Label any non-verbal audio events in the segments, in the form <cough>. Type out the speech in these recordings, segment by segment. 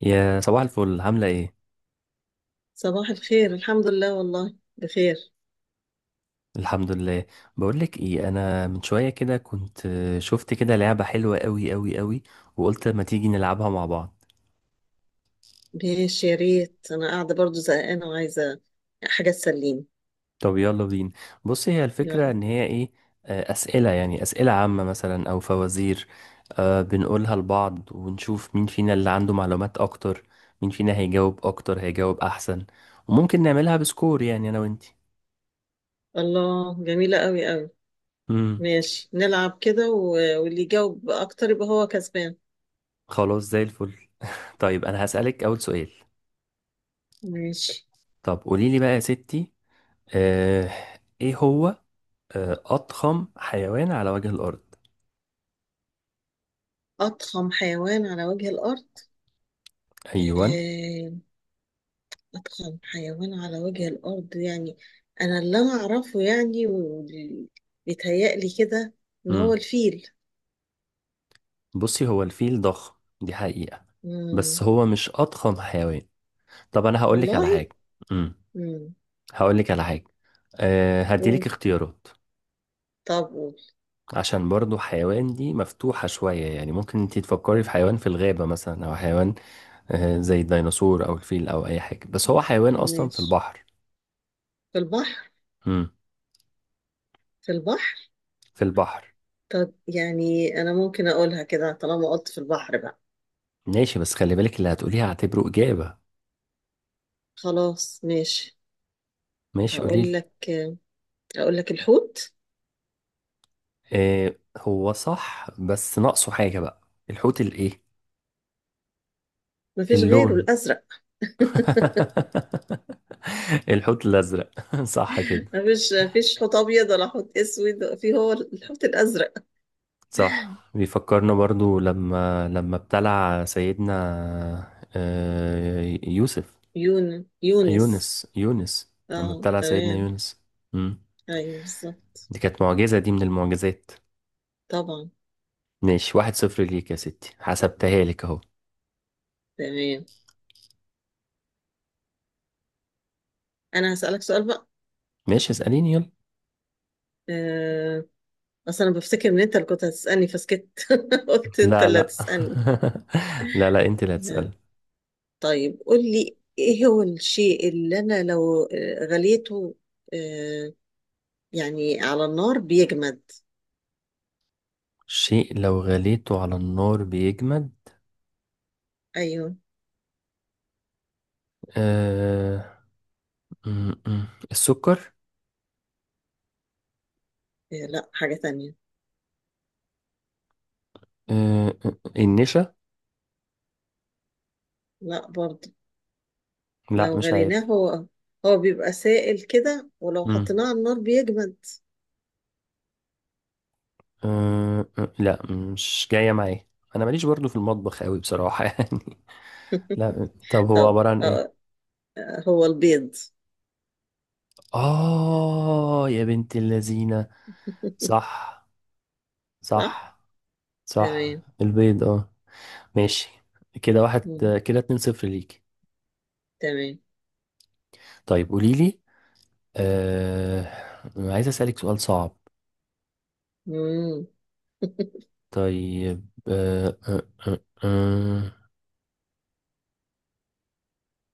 يا صباح الفل، عاملة ايه؟ صباح الخير. الحمد لله، والله بخير. الحمد لله. بقولك ايه، انا من شوية كده كنت شفت كده لعبة حلوة قوي قوي قوي، وقلت ما تيجي نلعبها مع بعض. ماشي، يا ريت، انا قاعده برضو زهقانه وعايزه حاجه تسليني. طب يلا بينا. بص، هي الفكرة يلا. ان هي ايه. اسئلة، يعني اسئلة عامة مثلا او فوازير. بنقولها لبعض ونشوف مين فينا اللي عنده معلومات اكتر، مين فينا هيجاوب اكتر، هيجاوب احسن. وممكن نعملها بسكور، يعني انا وانتي. الله، جميله قوي قوي. امم ماشي نلعب كده واللي يجاوب اكتر يبقى هو كسبان. خلاص، زي الفل. طيب انا هسألك اول سؤال. ماشي. طب قوليلي بقى يا ستي. آه، ايه هو اضخم حيوان على وجه الارض؟ اضخم حيوان على وجه الارض؟ ايوه. آه، اضخم حيوان على وجه الارض، يعني انا اللي اعرفه، يعني واللي بيتهيألي كده ان هو امم الفيل. بصي، هو الفيل ضخم، دي حقيقة، بس مم. هو مش اضخم حيوان. طب انا هقول لك على حاجة. والله. امم مم. هقول لك على حاجة. هديلك قول اختيارات. طب قول. عشان برضو حيوان دي مفتوحة شوية، يعني ممكن انت تفكري في حيوان في الغابة مثلا، او حيوان زي الديناصور او الفيل او اي حاجة، بس هو حيوان اصلا في ماشي. البحر. في البحر امم في البحر في البحر. طب يعني أنا ممكن أقولها كده طالما قلت في البحر بقى. ماشي، بس خلي بالك اللي هتقوليها هعتبره اجابة. خلاص ماشي. ماشي قوليلي. هقول لك هقول لك الحوت. إيه هو صح، بس ناقصه حاجة بقى. الحوت الايه؟ مفيش غيره اللون <laughs> الأزرق. <laughs> الحوت الأزرق <laughs> صح كده. مفيش حوت أبيض ولا حوت أسود، في هو الحوت الأزرق. صح، بيفكرنا برضو لما ابتلع سيدنا يوسف، يونس. يونس لما اه ابتلع سيدنا تمام. يونس. مم. أيوه بالظبط. دي كانت معجزة، دي من المعجزات. طبعا. ماشي، 1-0 ليك يا ستي، حسبتها لك اهو. تمام. أنا هسألك سؤال بقى. ماشي اسأليني يلا. آه. أصل أنا بفتكر إن أنت اللي كنت هتسألني فسكت. <laughs> قلت أنت لا، اللي لا. هتسألني. <laughs> لا، لا، انت اللي آه. هتسألي. طيب قول لي ايه هو الشيء اللي انا لو غليته، آه، يعني على النار بيجمد. شيء لو غليته على النار بيجمد؟ ايوه. آه... م- م. السكر. لا، حاجة تانية. النشا. لا برضه. لا، لو مش غليناه، عارف. هو بيبقى سائل كده، ولو م. حطيناه على النار بيجمد. آه... آه، لا، مش جاية معايا. انا ماليش برضو في المطبخ قوي بصراحة <laughs> يعني. <laughs> لا، طب هو طب عبارة عن ايه؟ هو البيض. اه يا بنت اللذينة! <laughs> صح. صح. صح. صح. تمام. البيض، اه. ماشي، كده واحد، مم. كده 2-0 ليك. تمام. طيب قوليلي آه... عايز اسألك سؤال صعب. مم. <laughs> طيب، آه، آه،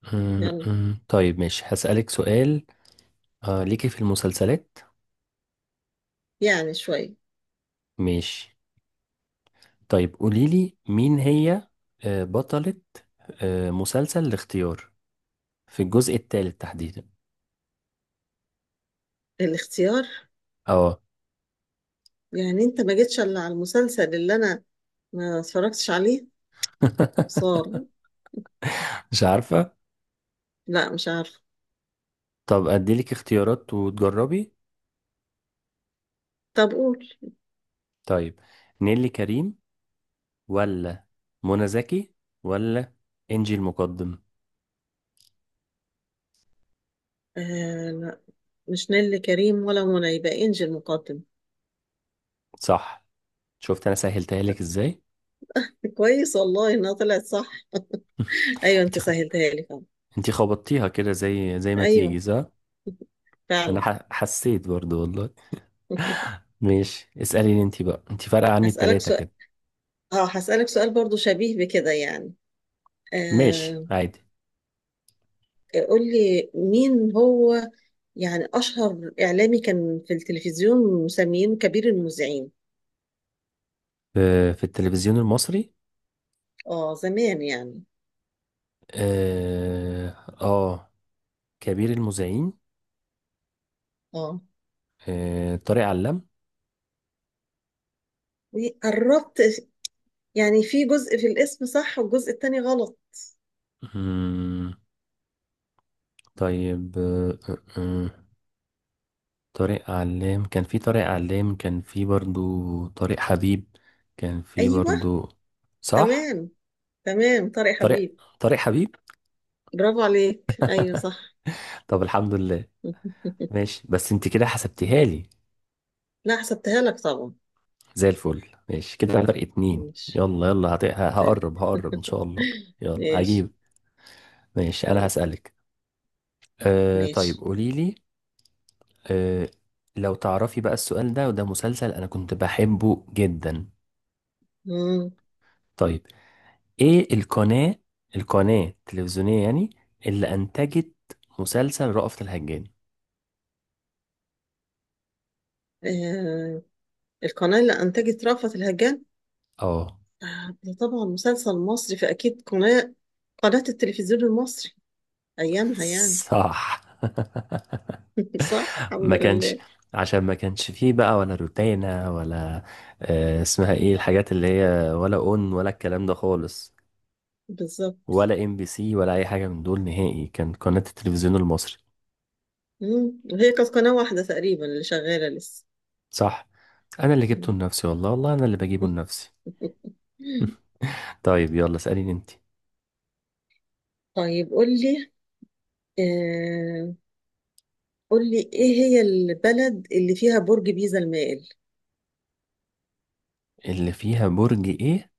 يلا. طيب ماشي هسألك سؤال. ليكي في المسلسلات؟ يعني شوية. ماشي. طيب قوليلي مين هي بطلة مسلسل الاختيار في الجزء الثالث تحديدا؟ الاختيار. اه. يعني انت ما جيتش الا على المسلسل اللي انا ما اتفرجتش عليه <laughs> صار. مش عارفة. لا، مش عارفة. طب أديلك اختيارات وتجربي. طب قول. طيب، نيلي كريم، ولا منى زكي، ولا إنجي المقدم؟ لا، مش نيللي كريم ولا منى، يبقى انجي المقدم. صح. شفت أنا سهلتها لك إزاي. <laughs> كويس والله انها طلعت صح. <laughs> ايوه، انت انت سهلتها لي فعلا. انتي خبطتيها كده زي ما ايوه، تيجي، صح. انا فعلا. حسيت برضو والله. <laughs> ماشي اسأليني انتي بقى، انتي فارقة عني هسألك بتلاتة سؤال. كده. اه هسألك سؤال برضو شبيه بكده يعني. ماشي آه عادي. قول لي مين هو، يعني اشهر اعلامي كان في التلفزيون مسمينه كبير المذيعين. في التلفزيون المصري؟ اه، زمان يعني. اه. آه كبير المذيعين؟ اه، طارق علام؟ قربت، يعني في جزء في الاسم صح والجزء التاني غلط. مم، طيب طارق علام كان في برضو. طارق حبيب كان في ايوه. برضو. صح. تمام. تمام، طارق طارق حبيب. طارق حبيب. برافو عليك، ايوه <laughs> صح. طب الحمد لله. <laughs> ماشي، بس انت كده حسبتيها لي. لا، حسبتها لك طبعا. زي الفل. ماشي كده، فرق اتنين. ماشي. يلا، يلا، هت... ه- تمام. هقرب هقرب ان <laughs> شاء الله. يلا ماشي. هجيب. ماشي انا طيب. هسألك. طيب ماشي. قولي لي، أه لو تعرفي بقى السؤال ده، وده مسلسل انا كنت بحبه جدا. مم. طيب، ايه القناة، القناة التلفزيونية يعني، اللي انتجت مسلسل رأفت الهجان؟ آه. القناة اللي أنتجت رأفت الهجان. اه. ده طبعا مسلسل مصري، فأكيد قناة التلفزيون المصري أيامها يعني. صح. <laughs> <laughs> صح، الحمد ما كانش لله. عشان ما كانش فيه بقى ولا روتانا، ولا اسمها ايه الحاجات اللي هي، ولا اون، ولا الكلام ده خالص، بالظبط. ولا ام بي سي، ولا اي حاجه من دول نهائي، كان قناه التلفزيون المصري. مم. وهي كانت قناة واحدة تقريبا اللي شغالة لسه. صح، انا اللي جبته مم. لنفسي والله، والله انا اللي بجيبه لنفسي. <laughs> طيب يلا اساليني انت. طيب قول لي، آه، قول لي ايه هي البلد اللي فيها برج بيزا المائل. اللي فيها برج ايه؟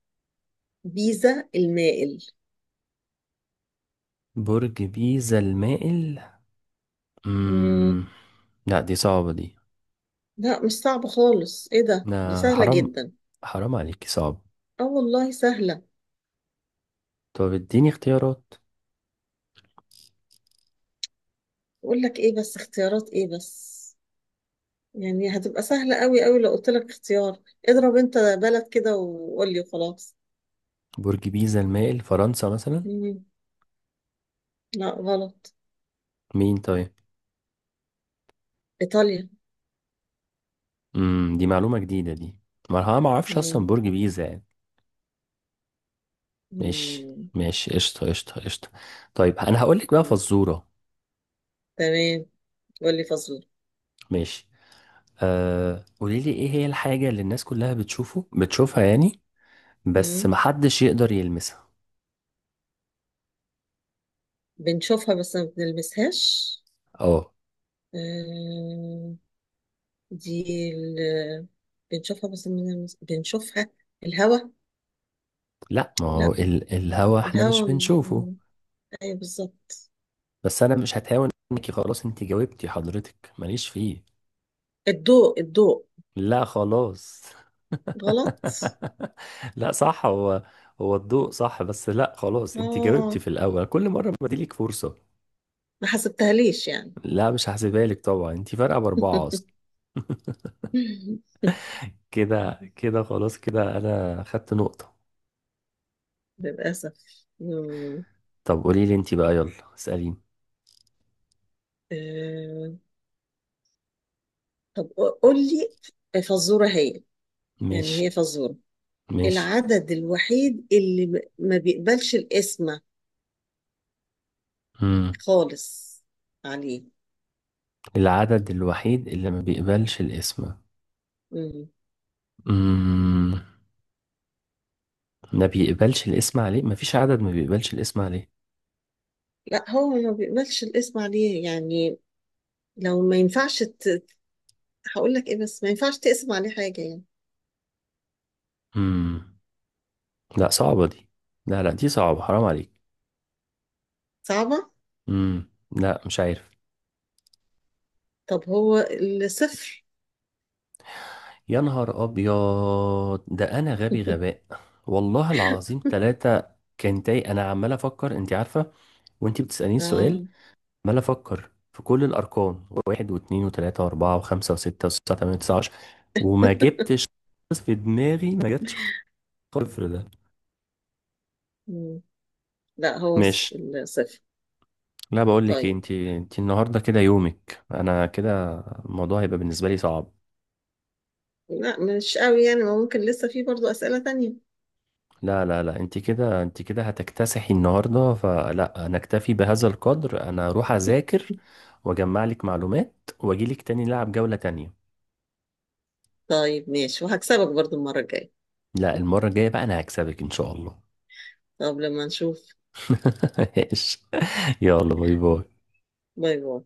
بيزا المائل. برج بيزا المائل؟ امم مم. لا، دي صعبه دي. لا، مش صعب خالص، ايه ده، دي لا، سهلة حرام، جدا. حرام عليكي، صعب. اه والله سهلة. طب اديني اختيارات. اقول لك ايه بس، اختيارات ايه بس، يعني هتبقى سهلة قوي قوي لو قلت لك اختيار. اضرب انت بلد كده وقول لي وخلاص. برج بيزا المائل فرنسا مثلا؟ مم. لا، غلط. مين طيب؟ ايطاليا. دي معلومة جديدة دي، ما انا ما اعرفش اصلا مم. برج بيزا يعني. ماشي، مم. ماشي، قشطة، قشطة، قشطة. طيب انا هقول لك بقى مم. فزورة. تمام. قول لي فاصلة. ماشي. قولي لي، ايه هي الحاجة اللي الناس كلها بتشوفها يعني، بس مم. محدش يقدر يلمسها؟ بنشوفها بس ما بنلمسهاش. اه. آه، دي ال... بنشوفها بس من بنشوفها. الهوا. لا، ما هو لا، الهوا احنا مش الهوا. بنشوفه. ايوه، بالظبط. بس انا مش هتهاون، انك خلاص انت جاوبتي، حضرتك ماليش فيه. الضوء، الضوء. لا خلاص. غلط. <laughs> لا، صح هو، هو الضوء، صح، بس لا خلاص، انت جاوبتي اه، في الاول، كل مره بدي لك فرصه. ما حسبتهاليش يعني. لا، مش هحسبها لك طبعا، انت فارقه باربعه اصلا. <laughs> كده كده خلاص، كده انا خدت نقطه. للأسف. مم. طب قولي لي انت بقى، يلا اساليني. آه، طب قول لي فزورة، هي يعني ماشي. هي فزورة. ماشي. العدد الوحيد اللي ما بيقبلش القسمة امم خالص عليه. العدد الوحيد اللي ما بيقبلش الاسم؟ امم ما بيقبلش الاسم عليه؟ ما فيش عدد ما بيقبلش الاسم عليه. لا، هو ما بيقبلش الاسم عليه، يعني لو ما ينفعش هقول لك ايه بس، ما ينفعش تقسم عليه حاجة يعني. امم لا، صعبة دي، لا، لا، دي صعبة، حرام عليك. صعبة. لا، مش عارف. طب هو الصفر. يا نهار ابيض! ده انا غبي <laughs> غباء. والله العظيم، ثلاثة! كان تاي، انا عمال افكر، انت عارفة، وانت بتسأليني السؤال، اه. عمال افكر في كل الارقام، واحد واثنين وثلاثة واربعة وخمسة وستة وسبعة وثمانية وتسعة وعشرة، وما جبتش خالص، في دماغي ما جاتش صفر ده. مم. لا، هو ماشي. الصفر. لا، بقول لك، طيب. انت النهارده كده يومك، انا كده الموضوع هيبقى بالنسبة لي صعب. لا، مش قوي يعني، ما ممكن لسه في برضو أسئلة تانية. لا، لا، لا، انت كده، انت كده هتكتسحي النهارده، فلا، انا اكتفي بهذا القدر، انا اروح اذاكر واجمع لك معلومات، واجي لك تاني نلعب جولة تانية. طيب ماشي، وهكسبك برضو المرة الجاية. لا، المرة الجاية بقى انا هكسبك ان شاء الله. طب لما نشوف. <laughs> ماشي. يلا، باي باي. باي باي.